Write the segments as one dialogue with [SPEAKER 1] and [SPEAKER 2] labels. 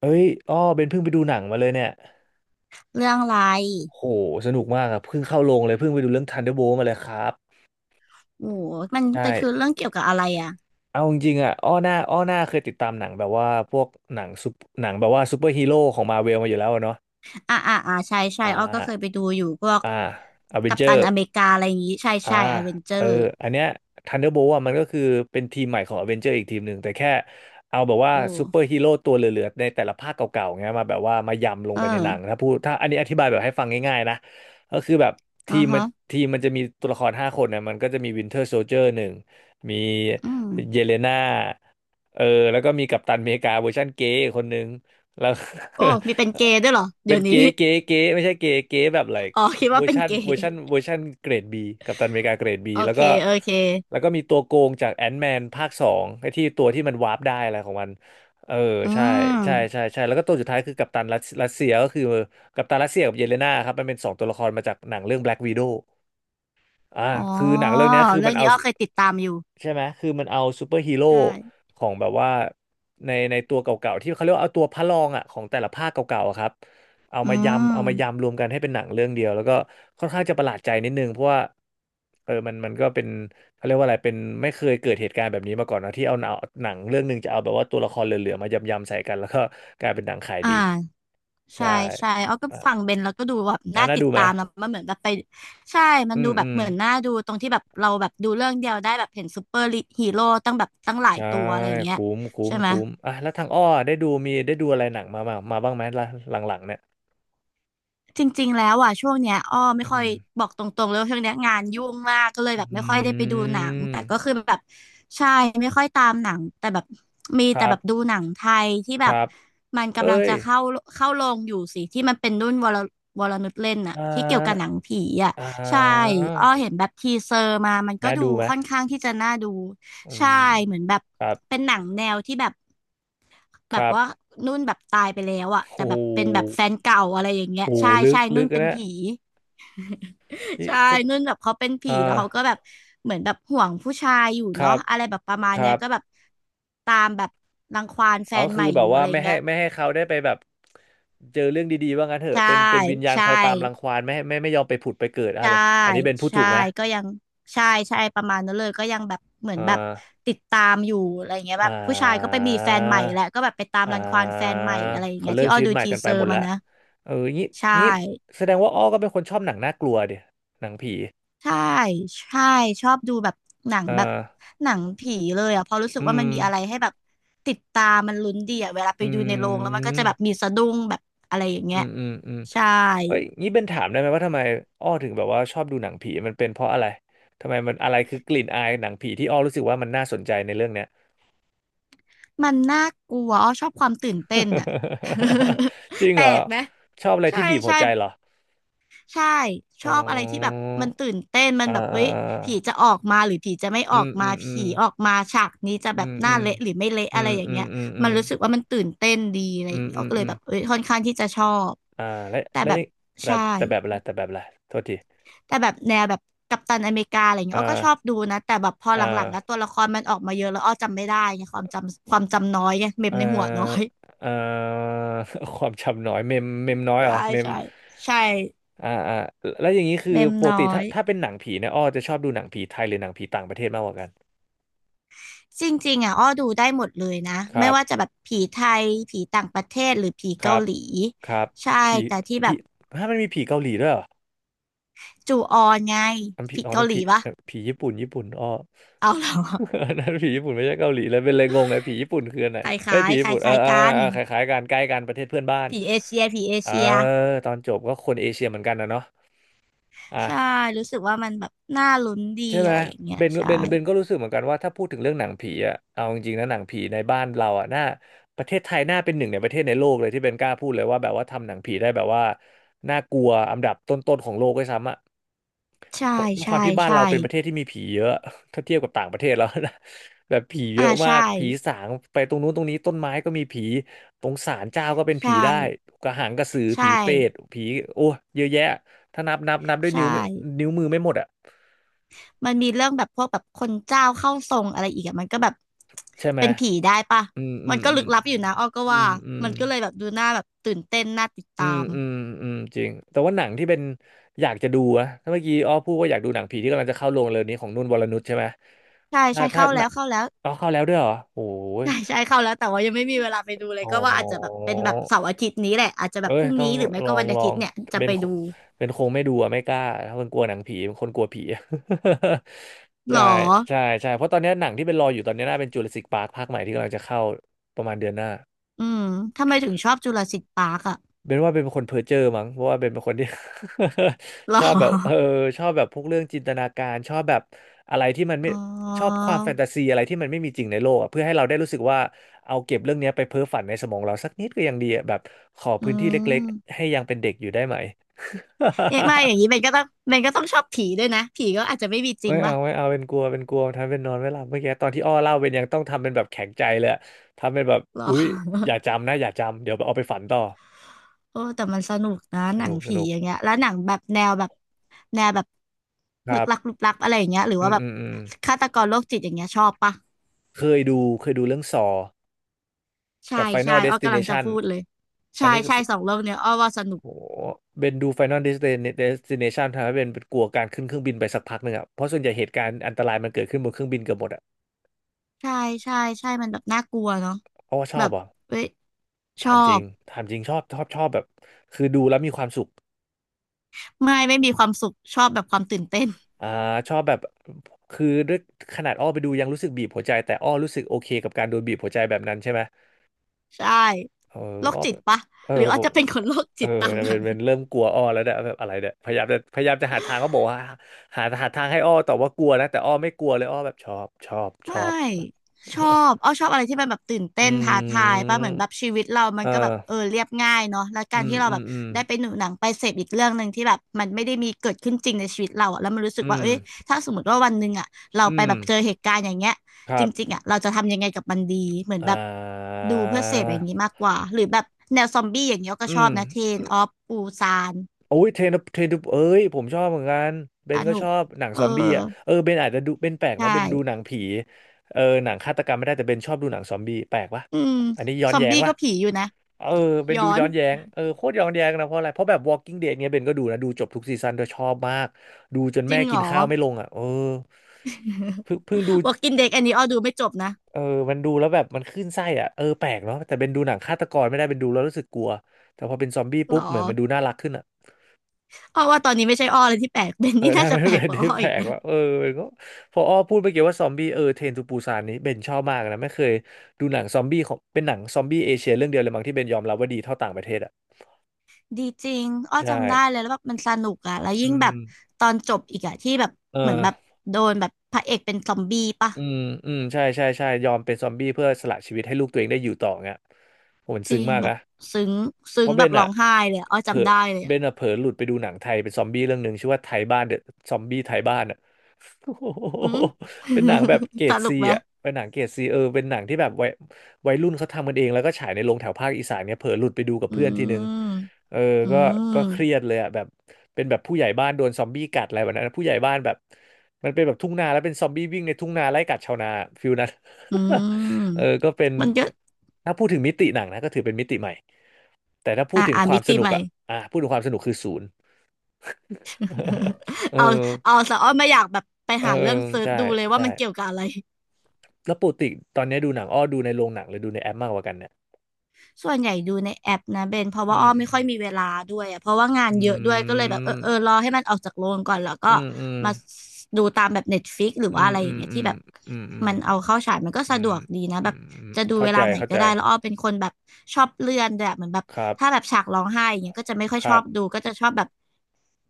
[SPEAKER 1] เอ้ยอ้อเบนเพิ่งไปดูหนังมาเลยเนี่ย
[SPEAKER 2] เรื่องอะไร
[SPEAKER 1] โหสนุกมากอะเพิ่งเข้าโรงเลยเพิ่งไปดูเรื่อง Thunderbolt มาเลยครับ
[SPEAKER 2] โอ้โหมัน
[SPEAKER 1] ใช่
[SPEAKER 2] เป็นคือเรื่องเกี่ยวกับอะไรอ่ะ
[SPEAKER 1] เอาจริงๆอะอ้อหน้าอ้อหน้าเคยติดตามหนังแบบว่าพวกหนังซุปหนังแบบว่าซูเปอร์ฮีโร่ของมาเวลมาอยู่แล้วอะเนาะ
[SPEAKER 2] ใช่ใช่
[SPEAKER 1] อ่า
[SPEAKER 2] อ้อก็เคยไปดูอยู่พวก
[SPEAKER 1] อ่าอเวน
[SPEAKER 2] กัป
[SPEAKER 1] เจอ
[SPEAKER 2] ตัน
[SPEAKER 1] ร์
[SPEAKER 2] อเมริกาอะไรอย่างงี้ใช่
[SPEAKER 1] อ่า
[SPEAKER 2] ใช่อเวนเจอ
[SPEAKER 1] เออ
[SPEAKER 2] ร์
[SPEAKER 1] อันเนี้ย Thunderbolt อ่ะมันก็คือเป็นทีมใหม่ของอเวนเจอร์อีกทีมหนึ่งแต่แค่เอาแบบว่า
[SPEAKER 2] โอ้
[SPEAKER 1] ซูเปอร์ฮีโร่ตัวเหลือๆในแต่ละภาคเก่าๆเงี้ยมาแบบว่ามายำลง
[SPEAKER 2] เอ
[SPEAKER 1] ไปในห
[SPEAKER 2] อ
[SPEAKER 1] นังถ้าพูดถ้าอันนี้อธิบายแบบให้ฟังง่ายๆนะก็คือแบบ
[SPEAKER 2] อ่า
[SPEAKER 1] ทีมมั
[SPEAKER 2] ฮะ
[SPEAKER 1] นทีมมันจะมีตัวละครห้าคนนะมันก็จะมีวินเทอร์โซ i เจอร์หนึ่งมี
[SPEAKER 2] อืม
[SPEAKER 1] เยเลนาเออแล้วก็มีกัปตันอเมริกาเวอร์ชันเกย์คนหนึ่ง แล้ว
[SPEAKER 2] โอ้มีเป็นเกย์ด้วยเหรอ
[SPEAKER 1] เป็
[SPEAKER 2] เดี๋ย
[SPEAKER 1] น
[SPEAKER 2] วนี้
[SPEAKER 1] เก๋เก๋เก๋ไม่ใช่เก๋เก๋แบบ l i ก
[SPEAKER 2] อ๋อคิด
[SPEAKER 1] เว
[SPEAKER 2] ว่า
[SPEAKER 1] อร์
[SPEAKER 2] เป็น
[SPEAKER 1] ชัน
[SPEAKER 2] เก
[SPEAKER 1] เวอ
[SPEAKER 2] ย์
[SPEAKER 1] ร์ชันเวอร์ชันเกรดบีกัปตันอเมริกาเกรดบี
[SPEAKER 2] โอ
[SPEAKER 1] แล้ว
[SPEAKER 2] เค
[SPEAKER 1] ก็
[SPEAKER 2] โอเค
[SPEAKER 1] แล้วก็มีตัวโกงจากแอน m ์แมนภาคสองไอ้ที่ตัวที่มันวาร์ปได้อะไรของมันเออ
[SPEAKER 2] อื
[SPEAKER 1] ใช่
[SPEAKER 2] ม
[SPEAKER 1] ใช่ใช่ใช่แล้วก็ตัวสุดท้ายคือกัปตันรัสเซียก็คือกัปตันรัสเซียกับเยเลนาครับมันเป็นสองตัวละครมาจากหนังเรื่อง Black Widow อ่า
[SPEAKER 2] อ๋อ
[SPEAKER 1] คือหนังเรื่องเนี้ยคือ
[SPEAKER 2] เรื่
[SPEAKER 1] มั
[SPEAKER 2] อ
[SPEAKER 1] น
[SPEAKER 2] ง
[SPEAKER 1] เอา
[SPEAKER 2] นี้อ้อเคยติดตามอยู่
[SPEAKER 1] ใช่ไหม คือมันเอาซูเปอร์ฮีโร่
[SPEAKER 2] ใช่
[SPEAKER 1] ของแบบว่าในในตัวเก่าๆที่เขาเรียกว่าเอาตัวพระรองอ่ะของแต่ละภาคเก่าๆอะครับเอา
[SPEAKER 2] อื
[SPEAKER 1] มายำเอามา
[SPEAKER 2] ม
[SPEAKER 1] ยำรวมกันให้เป็นหนังเรื่องเดียวแล้วก็ค่อนข้างจะประหลาดใจนิดนึงเพราะว่าเออมันมันก็เป็นเขาเรียกว่าอะไรเป็นไม่เคยเกิดเหตุการณ์แบบนี้มาก่อนนะที่เอาหนังหนังเรื่องหนึ่งจะเอาแบบว่าตัวละครเหลือๆมายำๆใส่กันแล้วก็กลายเป็นหนังขายดี
[SPEAKER 2] อ่า ใช่
[SPEAKER 1] ใช่
[SPEAKER 2] ใช่อ้อก็
[SPEAKER 1] อ่ะ
[SPEAKER 2] ฟังเบนแล้วก็ดูแบบ
[SPEAKER 1] น่า
[SPEAKER 2] น่า
[SPEAKER 1] น่า
[SPEAKER 2] ติ
[SPEAKER 1] ดู
[SPEAKER 2] ด
[SPEAKER 1] ไหม
[SPEAKER 2] ตามนะมันเหมือนแบบไปใช่ มั
[SPEAKER 1] อื
[SPEAKER 2] นดู
[SPEAKER 1] ม
[SPEAKER 2] แบ
[SPEAKER 1] อื
[SPEAKER 2] บ
[SPEAKER 1] ม
[SPEAKER 2] เหมือนน่าดูตรงที่แบบเราแบบดูเรื่องเดียวได้แบบเห็นซูเปอร์ฮีโร่ตั้งแบบตั้งหลาย
[SPEAKER 1] ใช่
[SPEAKER 2] ตัวอะไรอย่างเงี้ย
[SPEAKER 1] คุ้มคุ้ม
[SPEAKER 2] ใช่ไหม
[SPEAKER 1] คุ้มอ่ะแล้วทางอ้อได้ดูมีได้ดูอะไรหนังมาบ้างไหมละหลังๆเนี่ย
[SPEAKER 2] จริงๆ แล้วอ่ะช่วงเนี้ยอ้อไม่
[SPEAKER 1] อื
[SPEAKER 2] ค่อย
[SPEAKER 1] ม
[SPEAKER 2] บอกตรงๆเลยว่าช่วงเนี้ยงานยุ่งมากก็เลย
[SPEAKER 1] อ
[SPEAKER 2] แบบไม่ค่อยได้ไป
[SPEAKER 1] ื
[SPEAKER 2] ดูหนังแต่ก็คื
[SPEAKER 1] ม
[SPEAKER 2] อแบบใช่ไม่ค่อยตามหนังแต่แบบมี
[SPEAKER 1] ครั
[SPEAKER 2] แต่แบบดู
[SPEAKER 1] บ
[SPEAKER 2] หนังไทยที่
[SPEAKER 1] ค
[SPEAKER 2] แบบ
[SPEAKER 1] รับ
[SPEAKER 2] มันกำลัง
[SPEAKER 1] เอ้ย
[SPEAKER 2] จะเข้าเข้าโรงอยู่สิที่มันเป็นรุ่นวรวรนุชเล่นน่ะ
[SPEAKER 1] อ่
[SPEAKER 2] ที่เกี่ยวกับหนั
[SPEAKER 1] า
[SPEAKER 2] งผีอ่ะ
[SPEAKER 1] อ่
[SPEAKER 2] ใช่
[SPEAKER 1] า
[SPEAKER 2] อ้อเห็นแบบทีเซอร์มามันก็
[SPEAKER 1] น่า
[SPEAKER 2] ดู
[SPEAKER 1] ดูไหม
[SPEAKER 2] ค่อนข้างที่จะน่าดู
[SPEAKER 1] อื
[SPEAKER 2] ใช่
[SPEAKER 1] ม
[SPEAKER 2] เหมือนแบบ
[SPEAKER 1] ครับ
[SPEAKER 2] เป็นหนังแนวที่แบบ
[SPEAKER 1] ค
[SPEAKER 2] แบบ
[SPEAKER 1] รั
[SPEAKER 2] ว่า
[SPEAKER 1] บ
[SPEAKER 2] นุ่นแบบตายไปแล้วอะ
[SPEAKER 1] โอ้โห
[SPEAKER 2] แต่แบบเป็นแบบแฟนเก่าอะไรอย่างเงี้ย
[SPEAKER 1] โอ้
[SPEAKER 2] ใช่
[SPEAKER 1] โหลึ
[SPEAKER 2] ใช่
[SPEAKER 1] กลึ
[SPEAKER 2] นุ่น
[SPEAKER 1] ก
[SPEAKER 2] เป็น
[SPEAKER 1] นะ
[SPEAKER 2] ผี
[SPEAKER 1] นี่
[SPEAKER 2] ใช่
[SPEAKER 1] แสด
[SPEAKER 2] นุ่นแบบเขาเป็นผี
[SPEAKER 1] อ่า
[SPEAKER 2] แล้วเขาก็แบบเหมือนแบบห่วงผู้ชายอยู่
[SPEAKER 1] ครั
[SPEAKER 2] เนาะ
[SPEAKER 1] บ
[SPEAKER 2] อะไรแบบประมา
[SPEAKER 1] ค
[SPEAKER 2] ณ
[SPEAKER 1] รั
[SPEAKER 2] เนี้ยก็แบบ
[SPEAKER 1] บ
[SPEAKER 2] ตามแบบรังควานแฟ
[SPEAKER 1] อ๋อ
[SPEAKER 2] นให
[SPEAKER 1] คือ
[SPEAKER 2] ม่
[SPEAKER 1] แบ
[SPEAKER 2] อ
[SPEAKER 1] บ
[SPEAKER 2] ยู่อะ
[SPEAKER 1] ว่า
[SPEAKER 2] ไรอ
[SPEAKER 1] ไม่
[SPEAKER 2] ย่าง
[SPEAKER 1] ให้
[SPEAKER 2] เงี้ย
[SPEAKER 1] ไม่ให้เขาได้ไปแบบเจอเรื่องดีๆว่างั้นเถอะ
[SPEAKER 2] ใช่
[SPEAKER 1] เป็นเป็นวิญญาณ
[SPEAKER 2] ใช่
[SPEAKER 1] คอยตามรังควานไม่ให้ไม่ยอมไปผุดไปเกิดอ่ะ
[SPEAKER 2] ใช่
[SPEAKER 1] แบบอันนี้เป็นพูด
[SPEAKER 2] ใช่
[SPEAKER 1] ถูกไหม
[SPEAKER 2] ก็ยังใช่ใช่ประมาณนั้นเลยก็ยังแบบเหมือ
[SPEAKER 1] อ่
[SPEAKER 2] นแบบ
[SPEAKER 1] า
[SPEAKER 2] ติดตามอยู่อะไรอย่างเงี้ย
[SPEAKER 1] อ่
[SPEAKER 2] แบบผู้ชายก็ไป
[SPEAKER 1] า
[SPEAKER 2] มีแฟนใหม่แหละก็แบบไปตาม
[SPEAKER 1] อ่
[SPEAKER 2] รังควานแฟ
[SPEAKER 1] า
[SPEAKER 2] นใหม่อะไรอย่าง
[SPEAKER 1] เขา
[SPEAKER 2] เงี้ย
[SPEAKER 1] เลิ
[SPEAKER 2] ที่
[SPEAKER 1] ก
[SPEAKER 2] อ้อ
[SPEAKER 1] ชีวิต
[SPEAKER 2] ดู
[SPEAKER 1] ใหม่
[SPEAKER 2] ที
[SPEAKER 1] กันไป
[SPEAKER 2] เซอ
[SPEAKER 1] หม
[SPEAKER 2] ร์
[SPEAKER 1] ด
[SPEAKER 2] มา
[SPEAKER 1] ละ
[SPEAKER 2] นะ
[SPEAKER 1] เอองี้
[SPEAKER 2] ใช่
[SPEAKER 1] งี้แสดงว่าอ้อก็เป็นคนชอบหนังน่ากลัวดิหนังผี
[SPEAKER 2] ใช่ใช่ชอบดูแบบหนัง
[SPEAKER 1] เออ
[SPEAKER 2] แบบหนังผีเลยอ่ะเพราะรู้สึก
[SPEAKER 1] อื
[SPEAKER 2] ว่ามัน
[SPEAKER 1] ม
[SPEAKER 2] มีอะไรให้แบบติดตามมันลุ้นดีอ่ะเวลาไป
[SPEAKER 1] อื
[SPEAKER 2] ดูในโรงแล้วมันก็
[SPEAKER 1] ม
[SPEAKER 2] จะแบบมีสะดุ้งแบบอะไรอย่าง
[SPEAKER 1] อื
[SPEAKER 2] เงี้ย
[SPEAKER 1] มอืมอืม
[SPEAKER 2] ใช่
[SPEAKER 1] เอ้ยงี้เป็นถามได้ไหมว่าทำไมอ้อถึงแบบว่าชอบดูหนังผีมันเป็นเพราะอะไรทำไมมันอะไรคือกลิ่นอายหนังผีที่อ้อรู้สึกว่ามันน่าสนใจในเรื่องเนี้ย
[SPEAKER 2] มันน่ากลัวอ้อชอบความตื่นเต้นอ่ะ
[SPEAKER 1] จริ ง
[SPEAKER 2] แป
[SPEAKER 1] เหร
[SPEAKER 2] ล
[SPEAKER 1] อ
[SPEAKER 2] กไหม
[SPEAKER 1] ชอบอะไร
[SPEAKER 2] ใช่
[SPEAKER 1] ที่บีบหัว
[SPEAKER 2] ใช่
[SPEAKER 1] ใจเหรอ
[SPEAKER 2] ใช่ช
[SPEAKER 1] อ๋อ
[SPEAKER 2] อบอะไรที่แบบมันตื่นเต้นมัน
[SPEAKER 1] อ่
[SPEAKER 2] แบบเอ้ยผี
[SPEAKER 1] า
[SPEAKER 2] จะออกมาหรือผีจะไม่อ
[SPEAKER 1] อื
[SPEAKER 2] อก
[SPEAKER 1] มอื
[SPEAKER 2] มา
[SPEAKER 1] มอื
[SPEAKER 2] ผี
[SPEAKER 1] ม
[SPEAKER 2] ออกมาฉากนี้จะ
[SPEAKER 1] อื
[SPEAKER 2] แบบ
[SPEAKER 1] ม
[SPEAKER 2] ห
[SPEAKER 1] อื
[SPEAKER 2] น้า
[SPEAKER 1] ม
[SPEAKER 2] เละหรือไม่เละ
[SPEAKER 1] อื
[SPEAKER 2] อะไร
[SPEAKER 1] ม
[SPEAKER 2] อย่าง
[SPEAKER 1] อื
[SPEAKER 2] เงี้
[SPEAKER 1] ม
[SPEAKER 2] ย
[SPEAKER 1] อืมอื
[SPEAKER 2] มัน
[SPEAKER 1] ม
[SPEAKER 2] รู้สึกว่ามันตื่นเต้นดีอะไร
[SPEAKER 1] อื
[SPEAKER 2] อย่าง
[SPEAKER 1] ม
[SPEAKER 2] เงี้ย
[SPEAKER 1] อื
[SPEAKER 2] อ้อ
[SPEAKER 1] ม
[SPEAKER 2] ก็เล
[SPEAKER 1] อื
[SPEAKER 2] ย
[SPEAKER 1] ม
[SPEAKER 2] แบบเอ้ยค่อนข้างที่จะชอบ
[SPEAKER 1] อ่าและ
[SPEAKER 2] แต่
[SPEAKER 1] และ
[SPEAKER 2] แบบ
[SPEAKER 1] อีกแต่
[SPEAKER 2] ใช่
[SPEAKER 1] แต่แบบอะไรแต่แบบอะไรโทษที
[SPEAKER 2] แต่แบบแนวแบบกัปตันอเมริกาอะไรเงี้
[SPEAKER 1] อ่
[SPEAKER 2] ยอ้อก็
[SPEAKER 1] า
[SPEAKER 2] ชอบดูนะแต่แบบพอ
[SPEAKER 1] อ่
[SPEAKER 2] หลังๆแล้ว
[SPEAKER 1] า
[SPEAKER 2] ตัวละครมันออกมาเยอะแล้วอ้อจำไม่ได้ไงความจำความจำน้อยไงเมม
[SPEAKER 1] เอ่
[SPEAKER 2] ในหัวน้อ
[SPEAKER 1] อ
[SPEAKER 2] ย
[SPEAKER 1] เอ่อ ความจำน้อยเมมน้อย เหรอ
[SPEAKER 2] ใช่
[SPEAKER 1] เมม
[SPEAKER 2] ใช่ใช่
[SPEAKER 1] อ่าอ่าแล้วอย่างนี้คือ
[SPEAKER 2] เมม
[SPEAKER 1] ปก
[SPEAKER 2] น้
[SPEAKER 1] ติ
[SPEAKER 2] อ
[SPEAKER 1] ถ้า
[SPEAKER 2] ย
[SPEAKER 1] ถ้าเป็นหนังผีเนี่ยอ้อจะชอบดูหนังผีไทยหรือหนังผีต่างประเทศมากกว่ากัน
[SPEAKER 2] จริงๆอ่ะอ้อดูได้หมดเลยนะ
[SPEAKER 1] ครั
[SPEAKER 2] ไม่
[SPEAKER 1] บ
[SPEAKER 2] ว่าจะแบบผีไทยผีต่างประเทศหรือผี
[SPEAKER 1] ครั
[SPEAKER 2] เกา
[SPEAKER 1] บ
[SPEAKER 2] หลี
[SPEAKER 1] ครับ
[SPEAKER 2] ใช่
[SPEAKER 1] ผี
[SPEAKER 2] แต่ที่แบ
[SPEAKER 1] ผี
[SPEAKER 2] บ
[SPEAKER 1] ถ้ามันมีผีเกาหลีด้วยเหรอ
[SPEAKER 2] จูออนไง
[SPEAKER 1] อันผี
[SPEAKER 2] ผี
[SPEAKER 1] อ๋อ
[SPEAKER 2] เกา
[SPEAKER 1] นั่น
[SPEAKER 2] ห
[SPEAKER 1] ผี
[SPEAKER 2] ลีปะ
[SPEAKER 1] ผีญี่ปุ่นญี่ปุ่นอ้อ
[SPEAKER 2] เอาเหรอ
[SPEAKER 1] อันนั้นผีญี่ปุ่นไม่ใช่เกาหลีเลยเป็นเลยงงไงผีญี่ปุ่นคืออันไหน
[SPEAKER 2] คล
[SPEAKER 1] เฮ้ย
[SPEAKER 2] ้าย
[SPEAKER 1] ผี
[SPEAKER 2] ๆค
[SPEAKER 1] ญี่
[SPEAKER 2] ล
[SPEAKER 1] ปุ่นเออ
[SPEAKER 2] ้าย
[SPEAKER 1] เออ
[SPEAKER 2] ๆกัน
[SPEAKER 1] เออคล้ายๆกันใกล้กันประเทศเพื่อนบ้าน
[SPEAKER 2] ผีเอเชียผีเอ
[SPEAKER 1] เออ
[SPEAKER 2] เชีย
[SPEAKER 1] ตอนจบก็คนเอเชียเหมือนกันนะเนาะอ่ะ
[SPEAKER 2] ใช่รู้สึกว่ามันแบบน่าลุ้นดี
[SPEAKER 1] ใช่ไหม
[SPEAKER 2] อะไรอย่างเงี้ย
[SPEAKER 1] เบน
[SPEAKER 2] ใช่
[SPEAKER 1] เบนเบนก็รู้สึกเหมือนกันว่าถ้าพูดถึงเรื่องหนังผีอะเอาจริงๆนะหนังผีในบ้านเราอะน่าประเทศไทยน่าเป็นหนึ่งในประเทศในโลกเลยที่เบนกล้าพูดเลยว่าแบบว่าทำหนังผีได้แบบว่าน่ากลัวอันดับต้นๆของโลกด้วยซ้ำอะ
[SPEAKER 2] ใช่
[SPEAKER 1] เพราะด้วยค
[SPEAKER 2] ใช่
[SPEAKER 1] วามที่บ้าน
[SPEAKER 2] ใช่
[SPEAKER 1] เราเป็นประเทศที่มีผีเยอะ ถ้าเทียบกับต่างประเทศแล้วนะ แบบผีเย
[SPEAKER 2] อ่า
[SPEAKER 1] อะมาก
[SPEAKER 2] ใช่
[SPEAKER 1] ผีสางไปตรงนู้นตรงนี้ต้นไม้ก็มีผีตรงศาลเจ้าก็เป็น
[SPEAKER 2] ใช่
[SPEAKER 1] ผีได้กระหังกระสือ
[SPEAKER 2] ใช่
[SPEAKER 1] ผีเปรตผีโอ้เยอะแยะถ้านับด้วย
[SPEAKER 2] ใช่
[SPEAKER 1] นิ้วไม่นิ้วมือไม่หมดอ่ะ
[SPEAKER 2] มันมีเรื่องแบบพวกแบบคนเจ้าเข้าทรงอะไรอีกอะมันก็แบบ
[SPEAKER 1] ใช่ไหม
[SPEAKER 2] เป็นผีได้ปะ
[SPEAKER 1] อืมอื
[SPEAKER 2] มัน
[SPEAKER 1] ม
[SPEAKER 2] ก็
[SPEAKER 1] อื
[SPEAKER 2] ลึ
[SPEAKER 1] ม
[SPEAKER 2] กลับอยู่นะอ้อก็
[SPEAKER 1] อื
[SPEAKER 2] ว่า
[SPEAKER 1] มอืม
[SPEAKER 2] มันก็เลยแบบดูน่าแบบตื่นเต้นน่าติด
[SPEAKER 1] อื
[SPEAKER 2] ตา
[SPEAKER 1] ม
[SPEAKER 2] ม
[SPEAKER 1] อืมอืมจริงแต่ว่าหนังที่เป็นอยากจะดูอะถ้าเมื่อกี้อ้อพูดว่าอยากดูหนังผีที่กำลังจะเข้าโรงเร็วนี้ของนุ่นวรนุชใช่ไหม
[SPEAKER 2] ใช่
[SPEAKER 1] ถ้า
[SPEAKER 2] ใช่
[SPEAKER 1] ถ้า
[SPEAKER 2] เข้า
[SPEAKER 1] หนั
[SPEAKER 2] แล้
[SPEAKER 1] ง
[SPEAKER 2] วเข้าแล้ว
[SPEAKER 1] อ๋อเข้าแล้วด้วยเหรอโอ้โห
[SPEAKER 2] ใช่ใช่เข้าแล้วแต่ว่ายังไม่มีเวลาไปดูเลย
[SPEAKER 1] อ๋อ
[SPEAKER 2] ก็ว่าอาจจะแบบเป็นแบบเสาร์อาทิตย์นี้แหละอาจจะแบ
[SPEAKER 1] เอ้
[SPEAKER 2] บพ
[SPEAKER 1] ย
[SPEAKER 2] รุ่ง
[SPEAKER 1] ต้อ
[SPEAKER 2] นี้
[SPEAKER 1] ง
[SPEAKER 2] หรือไม่
[SPEAKER 1] ล
[SPEAKER 2] ก็
[SPEAKER 1] อง
[SPEAKER 2] วันอา
[SPEAKER 1] ลอ
[SPEAKER 2] ทิต
[SPEAKER 1] ง
[SPEAKER 2] ย์เนี่ยจะ
[SPEAKER 1] เป็น
[SPEAKER 2] ไป
[SPEAKER 1] ค
[SPEAKER 2] ดู
[SPEAKER 1] เป็นคงไม่ดูอะไม่กล้าถ้าเป็นกลัวหนังผี เป็นคนกลัวผี
[SPEAKER 2] หร
[SPEAKER 1] ใช่
[SPEAKER 2] อ
[SPEAKER 1] ใช่ ใช่ เพราะตอนเนี้ยหนังที่เป็นรออยู่ตอนเนี้ยน่าเป็นจูราสสิคพาร์คภาคใหม่ที่กำลังจะเข้าประมาณเดือนหน้า
[SPEAKER 2] อืมทำไมถึงชอบจุราสิลิ์ปาร์กอะ
[SPEAKER 1] เบนว่าเป็นคนเพ้อเจ้อมั้งเพราะว่าเบนเป็นคนที่
[SPEAKER 2] หร
[SPEAKER 1] ช
[SPEAKER 2] อ
[SPEAKER 1] อบแบบชอบแบบพวกเรื่องจินตนาการชอบแบบอะไรที่มัน ไม่
[SPEAKER 2] อ๋อ
[SPEAKER 1] ชอบความแฟนตาซีอะไรที่มันไม่มีจริงในโลกอะเพื่อให้เราได้รู้สึกว่าเอาเก็บเรื่องเนี้ยไปเพ้อฝันในสมองเราสักนิดก็ยังดีอะแบบขอ
[SPEAKER 2] อื
[SPEAKER 1] พื้นที่เล็กๆ
[SPEAKER 2] ม
[SPEAKER 1] ให้ยังเป็นเด็กอยู่ได้ไหม
[SPEAKER 2] เอ๊ะไม่อย่างนี้เบนก็ต้องเบนก็ต้องชอบผีด้วยนะผีก็อาจจะไม่มีจริ
[SPEAKER 1] ไม่
[SPEAKER 2] งวะ
[SPEAKER 1] เอาไม่เอาเป็นกลัวเป็นกลัวทำเป็นนอนไม่หลับเมื่อกี้ตอนที่อ้อเล่าเป็นยังต้องทำเป็นแบบแข็งใจเลยอะทำเป็นแบบ
[SPEAKER 2] หร
[SPEAKER 1] อุ๊ย
[SPEAKER 2] อ
[SPEAKER 1] อย่าจำนะอย่าจำเดี๋ยวเอาไปฝันต่อ
[SPEAKER 2] โอ้แต่มันสนุกนะ
[SPEAKER 1] ส
[SPEAKER 2] หนัง
[SPEAKER 1] นุกส
[SPEAKER 2] ผี
[SPEAKER 1] นุก
[SPEAKER 2] อย่างเงี้ยแล้วหนังแบบแนวแบบแนวแบบ
[SPEAKER 1] ค
[SPEAKER 2] ลึ
[SPEAKER 1] รั
[SPEAKER 2] กลับ
[SPEAKER 1] บ
[SPEAKER 2] ลึกลับอะไรอย่างเงี้ยหรือ
[SPEAKER 1] อื
[SPEAKER 2] ว่า
[SPEAKER 1] ม
[SPEAKER 2] แบ
[SPEAKER 1] อื
[SPEAKER 2] บ
[SPEAKER 1] มอืม
[SPEAKER 2] ฆาตกรโรคจิตอย่างเงี้ยชอบปะ
[SPEAKER 1] เคยดูเคยดูเรื่องซอ
[SPEAKER 2] ใช่
[SPEAKER 1] กับ
[SPEAKER 2] ใช่
[SPEAKER 1] Final
[SPEAKER 2] อ้อกำลังจะ
[SPEAKER 1] Destination
[SPEAKER 2] พูดเลยใช่
[SPEAKER 1] อันนี้คือ
[SPEAKER 2] ใช่สองเรื่องเนี้ยอ้อว่าสนุก
[SPEAKER 1] โหเป็นดู Destination ทำให้เบนเป็นกลัวการขึ้นเครื่องบินไปสักพักหนึ่งอ่ะ เพราะส่วนใหญ่เหตุการณ์อันตรายมันเกิดขึ้นบนเครื่องบินเกือบหมดอ่ะ
[SPEAKER 2] ใช่ใช่ใช่มันแบบน่ากลัวเนาะ
[SPEAKER 1] เพราะว่าชอ
[SPEAKER 2] แบ
[SPEAKER 1] บ
[SPEAKER 2] บ
[SPEAKER 1] หรอ่ะ
[SPEAKER 2] เว้ยช
[SPEAKER 1] ถา
[SPEAKER 2] อ
[SPEAKER 1] มจริง
[SPEAKER 2] บ
[SPEAKER 1] ถามจริงชอบชอบชอบแบบคือดูแล้วมีความสุข
[SPEAKER 2] ไม่ไม่มีความสุขชอบแบบความตื่นเต้น
[SPEAKER 1] อ่าชอบแบบคือด้วยขนาดอ้อไปดูยังรู้สึกบีบหัวใจแต่อ้อรู้สึกโอเคกับการโดนบีบหัวใจแบบนั้นใช่ไหม
[SPEAKER 2] ใช่
[SPEAKER 1] เออ
[SPEAKER 2] โรค
[SPEAKER 1] อ้อ
[SPEAKER 2] จิ
[SPEAKER 1] แบ
[SPEAKER 2] ต
[SPEAKER 1] บ
[SPEAKER 2] ปะหรือ
[SPEAKER 1] ผ
[SPEAKER 2] อาจ
[SPEAKER 1] ม
[SPEAKER 2] จะเป็นคนโรค
[SPEAKER 1] เอ
[SPEAKER 2] จิ
[SPEAKER 1] อ
[SPEAKER 2] ตตามหนั
[SPEAKER 1] เป็น
[SPEAKER 2] ง
[SPEAKER 1] เป็นเริ่มกลัวอ้อแล้วเนี่ยแบบอะไรเนี่ยพยายามจะหาทางเขาบอกว่าหาทางให้อ้อแต่ว่ากลัวนะแต่อ้อไม่กลัวเลยอ้อแบบชอบชอบช
[SPEAKER 2] ไม่
[SPEAKER 1] อบ
[SPEAKER 2] ชอบ เอาชอบอะไรที่มันแบบตื่น
[SPEAKER 1] อื
[SPEAKER 2] เต้นท้าทายป่ะเหมือ
[SPEAKER 1] ม
[SPEAKER 2] นแบบชีวิตเรามั
[SPEAKER 1] เอ
[SPEAKER 2] น
[SPEAKER 1] อ
[SPEAKER 2] ก็แบบเรียบง่ายเนาะแล้วการ
[SPEAKER 1] อืม
[SPEAKER 2] ที่เรา
[SPEAKER 1] อื
[SPEAKER 2] แบ
[SPEAKER 1] ม
[SPEAKER 2] บ
[SPEAKER 1] อืม
[SPEAKER 2] ได้ไปหนังไปเสพอีกเรื่องหนึ่งที่แบบมันไม่ได้มีเกิดขึ้นจริงในชีวิตเราอะแล้วมันรู้สึ
[SPEAKER 1] อื
[SPEAKER 2] กว่า
[SPEAKER 1] ม
[SPEAKER 2] เอ้ยถ้าสมมติว่าวันหนึ่งอะเรา
[SPEAKER 1] อื
[SPEAKER 2] ไป
[SPEAKER 1] ม
[SPEAKER 2] แบบเจอเหตุการณ์อย่างเงี้ย
[SPEAKER 1] ค
[SPEAKER 2] จ
[SPEAKER 1] รับ
[SPEAKER 2] ริงๆอะเราจะทำยังไงกับมันดีเหมือน
[SPEAKER 1] อ่
[SPEAKER 2] แบบ
[SPEAKER 1] า
[SPEAKER 2] ดูเพื่อเสพอย่างนี้มากกว่าหรือแบบแนวซอมบี้อย่างเงี้ยก็ช
[SPEAKER 1] อื
[SPEAKER 2] อ
[SPEAKER 1] ม
[SPEAKER 2] บนะเทนออฟปูซาน
[SPEAKER 1] โอ้ยเทรนเอ้ยผมชอบเหมือนกันเบ
[SPEAKER 2] อ
[SPEAKER 1] นก็
[SPEAKER 2] นุ
[SPEAKER 1] ช
[SPEAKER 2] ก
[SPEAKER 1] อบหนัง
[SPEAKER 2] เออ
[SPEAKER 1] ซอมบี้อ่ะเออเบนอาจจะดูเบนแปลก
[SPEAKER 2] ใช
[SPEAKER 1] เนาะเบนดูหนั
[SPEAKER 2] ่
[SPEAKER 1] งผีเออหนังฆาตกรรมไม่ได้แต่เบนชอบดูหนังซอมบี้แปลกปะ
[SPEAKER 2] อืม
[SPEAKER 1] อันนี้ย้อ
[SPEAKER 2] ซ
[SPEAKER 1] น
[SPEAKER 2] อม
[SPEAKER 1] แย้ง
[SPEAKER 2] บี้
[SPEAKER 1] ปะ
[SPEAKER 2] ก็ผีอยู่นะ
[SPEAKER 1] เออเป็น
[SPEAKER 2] ย้อ
[SPEAKER 1] ดู
[SPEAKER 2] น
[SPEAKER 1] ย้อนแย้งเออโคตรย้อนแย้งนะเพราะอะไรเพราะแบบ Walking Dead เนี้ยเบนก็ดูนะดูจบทุกซีซันด้วยชอบมากดูจน
[SPEAKER 2] จริ
[SPEAKER 1] แม่
[SPEAKER 2] งเห
[SPEAKER 1] กิ
[SPEAKER 2] ร
[SPEAKER 1] น
[SPEAKER 2] อ
[SPEAKER 1] ข้าวไม่ลงอ่ะเออเพิ่งดู
[SPEAKER 2] Walking Dead อันนี้อ้อดูไม่จบนะ
[SPEAKER 1] เออมันดูแล้วแบบมันขึ้นไส้อ่ะเออแปลกเนาะแต่เป็นดูหนังฆาตกรไม่ได้เป็นดูแล้วรู้สึกกลัวแต่พอเป็นซอมบี้
[SPEAKER 2] หร
[SPEAKER 1] ปุ๊
[SPEAKER 2] อ
[SPEAKER 1] บเหมือนมันดูน่ารักขึ้นอ่ะ
[SPEAKER 2] อ้อว่าตอนนี้ไม่ใช่อ้อเลยที่แปลกเป็น
[SPEAKER 1] เอ อ
[SPEAKER 2] นี่ น่า
[SPEAKER 1] น่า
[SPEAKER 2] จะ
[SPEAKER 1] เป็น
[SPEAKER 2] แปลก
[SPEAKER 1] เป็
[SPEAKER 2] ก
[SPEAKER 1] น
[SPEAKER 2] ว่าอ้อ
[SPEAKER 1] ที่แปล
[SPEAKER 2] อีก
[SPEAKER 1] ก
[SPEAKER 2] นะ
[SPEAKER 1] ว่าเออเันก็พออ้อพูดไปเกี่ยวว่าซอมบี้เออเทรนทูปูซานนี้เบนชอบมากนะไม่เคยดูหนังซอมบี้ของเป็นหนังซอมบี้เอเชียเรื่องเดียวเลยมั้งที่เบนยอมรับว่าดีเท่าต่างประเทศอ่ะ
[SPEAKER 2] ดีจริงอ้อ
[SPEAKER 1] ใช่
[SPEAKER 2] จำได้เลยแล้วแบบมันสนุกอะแล้วยิ่
[SPEAKER 1] อื
[SPEAKER 2] งแบ
[SPEAKER 1] ม
[SPEAKER 2] บตอนจบอีกอะที่แบบ
[SPEAKER 1] เอ
[SPEAKER 2] เหมือนแบบ
[SPEAKER 1] อ
[SPEAKER 2] โดนแบบพระเอกเป็นซอมบี้ปะ
[SPEAKER 1] อืมอืมใช่ใช่ใช่ยอมเป็นซอมบี้เพื่อสละชีวิตให้ลูกตัวเองได้อยู่ต่อเงี้ยโหมัน
[SPEAKER 2] จ
[SPEAKER 1] ซึ้ง
[SPEAKER 2] ริง
[SPEAKER 1] มาก
[SPEAKER 2] แบ
[SPEAKER 1] อะ
[SPEAKER 2] บซึ้ง
[SPEAKER 1] เพ
[SPEAKER 2] ซึ้ง
[SPEAKER 1] ราะเบ
[SPEAKER 2] แบบ
[SPEAKER 1] น
[SPEAKER 2] ร้
[SPEAKER 1] อะ
[SPEAKER 2] องไห้เลยอะอ้อ
[SPEAKER 1] เผลอ
[SPEAKER 2] จำได้เลย
[SPEAKER 1] เบ
[SPEAKER 2] อะ
[SPEAKER 1] นอะเผลอหลุดไปดูหนังไทยเป็นซอมบี้เรื่องหนึ่งชื่อว่าไทยบ้านเดอะซอมบี้ไทยบ้านอะ โอ้โห
[SPEAKER 2] อืม
[SPEAKER 1] เป็นหนังแบบเกร
[SPEAKER 2] ส
[SPEAKER 1] ด
[SPEAKER 2] นุ
[SPEAKER 1] ซี
[SPEAKER 2] กไหม
[SPEAKER 1] อะเป็นหนังเกรดซีเออเป็นหนังที่แบบวัยรุ่นเขาทำกันเองแล้วก็ฉายในโรงแถวภาคอีสานเนี่ยเผลอหลุดไปดูกับ
[SPEAKER 2] อื
[SPEAKER 1] เพื่อนทีนึง
[SPEAKER 2] ม
[SPEAKER 1] เออ
[SPEAKER 2] อื
[SPEAKER 1] ก็
[SPEAKER 2] ม
[SPEAKER 1] ก็เครียดเลยอะแบบเป็นแบบผู้ใหญ่บ้านโดนซอมบี้กัดอะไรแบบนั้นนะผู้ใหญ่บ้านแบบมันเป็นแบบทุ่งนาแล้วเป็นซอมบี้วิ่งในทุ่งนาไล่กัดชาวนาฟิลนั้น
[SPEAKER 2] อื
[SPEAKER 1] เออ
[SPEAKER 2] ม
[SPEAKER 1] ก็เป็น
[SPEAKER 2] มันเยอะ
[SPEAKER 1] ถ้าพูดถึงมิติหนังนะก็ถือเป็นมิติใหม่ แต่ถ้าพูด
[SPEAKER 2] อ่ะ
[SPEAKER 1] ถึง
[SPEAKER 2] อ่า
[SPEAKER 1] ควา
[SPEAKER 2] มิ
[SPEAKER 1] มส
[SPEAKER 2] ติ
[SPEAKER 1] นุ
[SPEAKER 2] ให
[SPEAKER 1] ก
[SPEAKER 2] ม่
[SPEAKER 1] อ่ะอ่ะพูดถึงความสนุกคือศูนย์ เออ
[SPEAKER 2] เอาเอาสะอ้อมไม่อยากแบบไป
[SPEAKER 1] เออ
[SPEAKER 2] หาเรื่องเซิร์ช
[SPEAKER 1] ใช่
[SPEAKER 2] ดูเลยว่า
[SPEAKER 1] ใช่
[SPEAKER 2] มันเกี่ยวกับอะไร
[SPEAKER 1] แล้วปกติตอนนี้ดูหนังอ้อดูในโรงหนังหรือดูในแอปมากกว่ากันเนี่ย
[SPEAKER 2] ส่วนใหญ่ดูในแอปนะเบนเพราะ
[SPEAKER 1] อื
[SPEAKER 2] ว่า
[SPEAKER 1] ม
[SPEAKER 2] อ้อ
[SPEAKER 1] อื
[SPEAKER 2] ไม่ค่อ
[SPEAKER 1] ม
[SPEAKER 2] ยมีเวลาด้วยอะเพราะว่างานเยอะด้วยก็เลยแบบเออรอให้มันออกจากโรงก่อนแล้วก็
[SPEAKER 1] อืมอืม
[SPEAKER 2] มาดูตามแบบ Netflix หรือ
[SPEAKER 1] อื
[SPEAKER 2] ว่าอะ
[SPEAKER 1] ม
[SPEAKER 2] ไรอ
[SPEAKER 1] อื
[SPEAKER 2] ย่าง
[SPEAKER 1] ม
[SPEAKER 2] เงี้ย
[SPEAKER 1] อื
[SPEAKER 2] ที่
[SPEAKER 1] ม
[SPEAKER 2] แบบ
[SPEAKER 1] อืม
[SPEAKER 2] มันเอาเข้าฉายมันก็
[SPEAKER 1] อื
[SPEAKER 2] สะด
[SPEAKER 1] ม
[SPEAKER 2] วกดีนะ
[SPEAKER 1] อื
[SPEAKER 2] แบบ
[SPEAKER 1] มอืมอืม
[SPEAKER 2] จะดู
[SPEAKER 1] เข้า
[SPEAKER 2] เว
[SPEAKER 1] ใจ
[SPEAKER 2] ลาไหน
[SPEAKER 1] เข้า
[SPEAKER 2] ก็
[SPEAKER 1] ใจ
[SPEAKER 2] ได้แล้วอ้อเป็นคนแบบชอบเลื่อนด้วยอะเหมือนแบบ
[SPEAKER 1] ครั
[SPEAKER 2] ถ้าแบ
[SPEAKER 1] บ
[SPEAKER 2] บฉากร้องไห้อย่างเงี้ยก็จะไม่ค่อย
[SPEAKER 1] ค
[SPEAKER 2] ช
[SPEAKER 1] รั
[SPEAKER 2] อ
[SPEAKER 1] บ
[SPEAKER 2] บดูก็จะชอบแบบ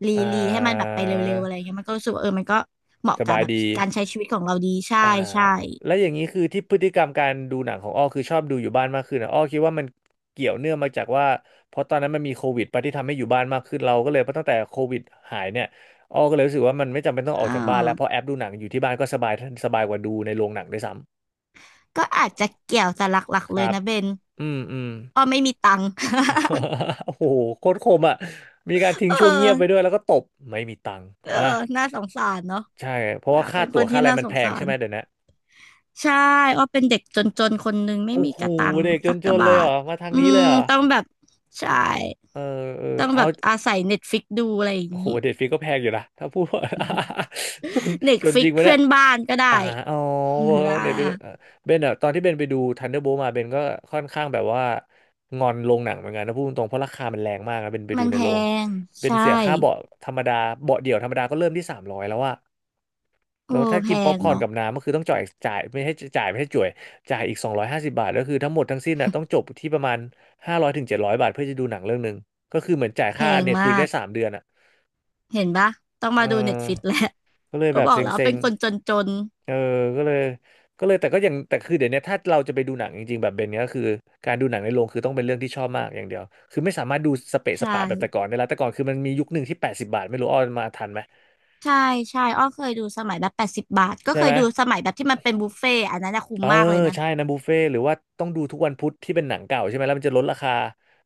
[SPEAKER 2] รี
[SPEAKER 1] อ่
[SPEAKER 2] รีให้มันแบบ
[SPEAKER 1] า
[SPEAKER 2] ไปเร็วๆอะไรอย่างเงี้ยมันก็รู้สึกว่าเออมันก็เหมาะ
[SPEAKER 1] ส
[SPEAKER 2] กับ
[SPEAKER 1] บาย
[SPEAKER 2] แบบ
[SPEAKER 1] ดี
[SPEAKER 2] การใช้ชีวิตของเราดีใช่
[SPEAKER 1] อ่า
[SPEAKER 2] ใช่
[SPEAKER 1] แล้วอย่างนี้คือที่พฤติกรรมการดูหนังของอ้อคือชอบดูอยู่บ้านมากขึ้นนะอ้อคิดว่ามันเกี่ยวเนื่องมาจากว่าเพราะตอนนั้นมันมีโควิดไปที่ทำให้อยู่บ้านมากขึ้นเราก็เลยเพราะตั้งแต่โควิดหายเนี่ยอ้อก็เลยรู้สึกว่ามันไม่จำเป็นต้องออ
[SPEAKER 2] อ่
[SPEAKER 1] กจากบ้านแล้วเพราะ
[SPEAKER 2] า
[SPEAKER 1] แอปดูหนังอยู่ที่บ้านก็สบายสบายกว่าดูในโรงหนังด้วยซ้ำ
[SPEAKER 2] ก็อาจจะเกี่ยวแต่หลัก
[SPEAKER 1] ค
[SPEAKER 2] ๆเลย
[SPEAKER 1] รับ
[SPEAKER 2] นะเบน
[SPEAKER 1] อืมอืม
[SPEAKER 2] อ๋อไม่มีตังค์
[SPEAKER 1] โอ้โหโคตรคมอ่ะมีการ ทิ้ง
[SPEAKER 2] เ
[SPEAKER 1] ช่วงเงียบไป
[SPEAKER 2] ออ
[SPEAKER 1] ด้วยแล้วก็ตบไม่มีตังค์
[SPEAKER 2] เออ
[SPEAKER 1] อ่ะ
[SPEAKER 2] น่าสงสารเนาะ
[SPEAKER 1] ใช่เพราะ
[SPEAKER 2] อ่ะ
[SPEAKER 1] ว่า
[SPEAKER 2] เป็
[SPEAKER 1] ค่า
[SPEAKER 2] นค
[SPEAKER 1] ตั๋ว
[SPEAKER 2] น
[SPEAKER 1] ค่า
[SPEAKER 2] ที่
[SPEAKER 1] อะไร
[SPEAKER 2] น่า
[SPEAKER 1] มั
[SPEAKER 2] ส
[SPEAKER 1] นแพ
[SPEAKER 2] งสา
[SPEAKER 1] งใช่
[SPEAKER 2] ร
[SPEAKER 1] ไหมเดี๋ยวนะ
[SPEAKER 2] ใช่อ้อเป็นเด็กจนๆคนหนึ่งไม่
[SPEAKER 1] โอ้
[SPEAKER 2] มี
[SPEAKER 1] โห
[SPEAKER 2] กระตังค์
[SPEAKER 1] เด็กจ
[SPEAKER 2] สักกะ
[SPEAKER 1] นๆเล
[SPEAKER 2] บา
[SPEAKER 1] ยเหร
[SPEAKER 2] ท
[SPEAKER 1] อมาทาง
[SPEAKER 2] อื
[SPEAKER 1] นี้เล
[SPEAKER 2] ม
[SPEAKER 1] ยเหรอ
[SPEAKER 2] ต้องแบบใช่
[SPEAKER 1] เออเออ
[SPEAKER 2] ต้องแบ
[SPEAKER 1] เอา
[SPEAKER 2] บอาศัยเน็ตฟิกดูอะไรอย่าง
[SPEAKER 1] โอ้โห
[SPEAKER 2] นี้
[SPEAKER 1] เด็ดฟรีก็แพงอยู่นะถ้าพูดว่า จน
[SPEAKER 2] เน็ต
[SPEAKER 1] จน
[SPEAKER 2] ฟิ
[SPEAKER 1] จ
[SPEAKER 2] ก
[SPEAKER 1] ริงวะ
[SPEAKER 2] เพื่
[SPEAKER 1] เนี่ย
[SPEAKER 2] อนบ้านก็ได้
[SPEAKER 1] อ่าอ๋อ
[SPEAKER 2] อ่า
[SPEAKER 1] เน็ตฟลิกเบนอะตอนที่เบนไปดู Thunderbolt มาเบนก็ค่อนข้างแบบว่างอนโรงหนังเหมือนกันนะพูดตรงๆเพราะราคามันแรงมากนะเบนไป
[SPEAKER 2] มั
[SPEAKER 1] ดู
[SPEAKER 2] น
[SPEAKER 1] ใน
[SPEAKER 2] แพ
[SPEAKER 1] โรง
[SPEAKER 2] ง
[SPEAKER 1] เบน
[SPEAKER 2] ใช่
[SPEAKER 1] เสียค่าเบาะธรรมดาเบาะเดี่ยวธรรมดาก็เริ่มที่300แล้วอะ
[SPEAKER 2] โอ้
[SPEAKER 1] แล้วถ้า
[SPEAKER 2] แพ
[SPEAKER 1] กินป๊อป
[SPEAKER 2] ง
[SPEAKER 1] คอร์น
[SPEAKER 2] เนาะ
[SPEAKER 1] กับน้ำก็คือต้องจ่ายไม่ให้จ่ายอีก250 บาทก็คือทั้งหมดทั้งสิ้นน่ะต้องจบที่ประมาณ500 ถึง 700 บาทเพื่อจะดูหนังเรื่องหนึ่งก็คือเหมือนจ่าย
[SPEAKER 2] แพ
[SPEAKER 1] ค่า
[SPEAKER 2] งมา
[SPEAKER 1] Netflix ได้
[SPEAKER 2] ก
[SPEAKER 1] สามเดือนอะ
[SPEAKER 2] เห็นปะต้อง
[SPEAKER 1] เออ
[SPEAKER 2] มาดูเน็ตฟิกแล้ว
[SPEAKER 1] ก็เลย
[SPEAKER 2] ก็
[SPEAKER 1] แบบ
[SPEAKER 2] บอ
[SPEAKER 1] เซ
[SPEAKER 2] กแล้ว
[SPEAKER 1] ็
[SPEAKER 2] เป็น
[SPEAKER 1] ง
[SPEAKER 2] คนจน
[SPEAKER 1] ๆ เออ ก็เลยก็เลยแต่ก็ยังแต่คือเดี๋ยวนี้ถ้าเราจะไปดูหนังจริงๆแบบเบนเนี้ยก็คือการดูหนังในโรงคือต้องเป็นเรื่องที่ชอบมากอย่างเดียวคือไม่สามารถดูสเปะ
[SPEAKER 2] ๆใช
[SPEAKER 1] สปะแบบแต่ก่อ
[SPEAKER 2] ่
[SPEAKER 1] นได้แล้วแต่ก่อนคือมันมียุคหนึ่งที่80บบาทไม่รู้ออนมาทันไหม
[SPEAKER 2] ใช่ใช่อ้อเคยดูสมัยแบบ80 บาทก็
[SPEAKER 1] ใช่
[SPEAKER 2] เค
[SPEAKER 1] ไห
[SPEAKER 2] ย
[SPEAKER 1] ม
[SPEAKER 2] ดูสมัยแบบที่มันเป็นบุฟเฟ่ต์อันนั้นนะคุ้ม
[SPEAKER 1] เออ
[SPEAKER 2] มากเลยนะ
[SPEAKER 1] ใช่นะบุฟเฟ่ต์หรือว่าต้องดูทุกวันพุธที่เป็นหนังเก่าใช่ไหมแล้วมันจะลดราคา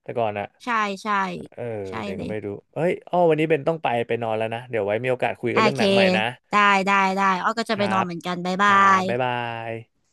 [SPEAKER 1] แต่ก่อนอะ
[SPEAKER 2] ใช่ใช่
[SPEAKER 1] เออ
[SPEAKER 2] ใช่
[SPEAKER 1] เดี๋ยว
[SPEAKER 2] เล
[SPEAKER 1] ก็
[SPEAKER 2] ย
[SPEAKER 1] ไม่รู้เฮ้ยอ้อวันนี้เบนต้องไปไปนอนแล้วนะเดี๋ยวไว้มีโอกาสคุยกั
[SPEAKER 2] โอ
[SPEAKER 1] นเรื่องห
[SPEAKER 2] เค
[SPEAKER 1] นังใหม่นะ
[SPEAKER 2] ได้ได้ได้อ้อก็
[SPEAKER 1] ค
[SPEAKER 2] จะไป
[SPEAKER 1] รั
[SPEAKER 2] นอน
[SPEAKER 1] บ
[SPEAKER 2] เหมือนกันบ๊าย
[SPEAKER 1] ค
[SPEAKER 2] บา
[SPEAKER 1] รับ
[SPEAKER 2] ย
[SPEAKER 1] บ๊ายบาย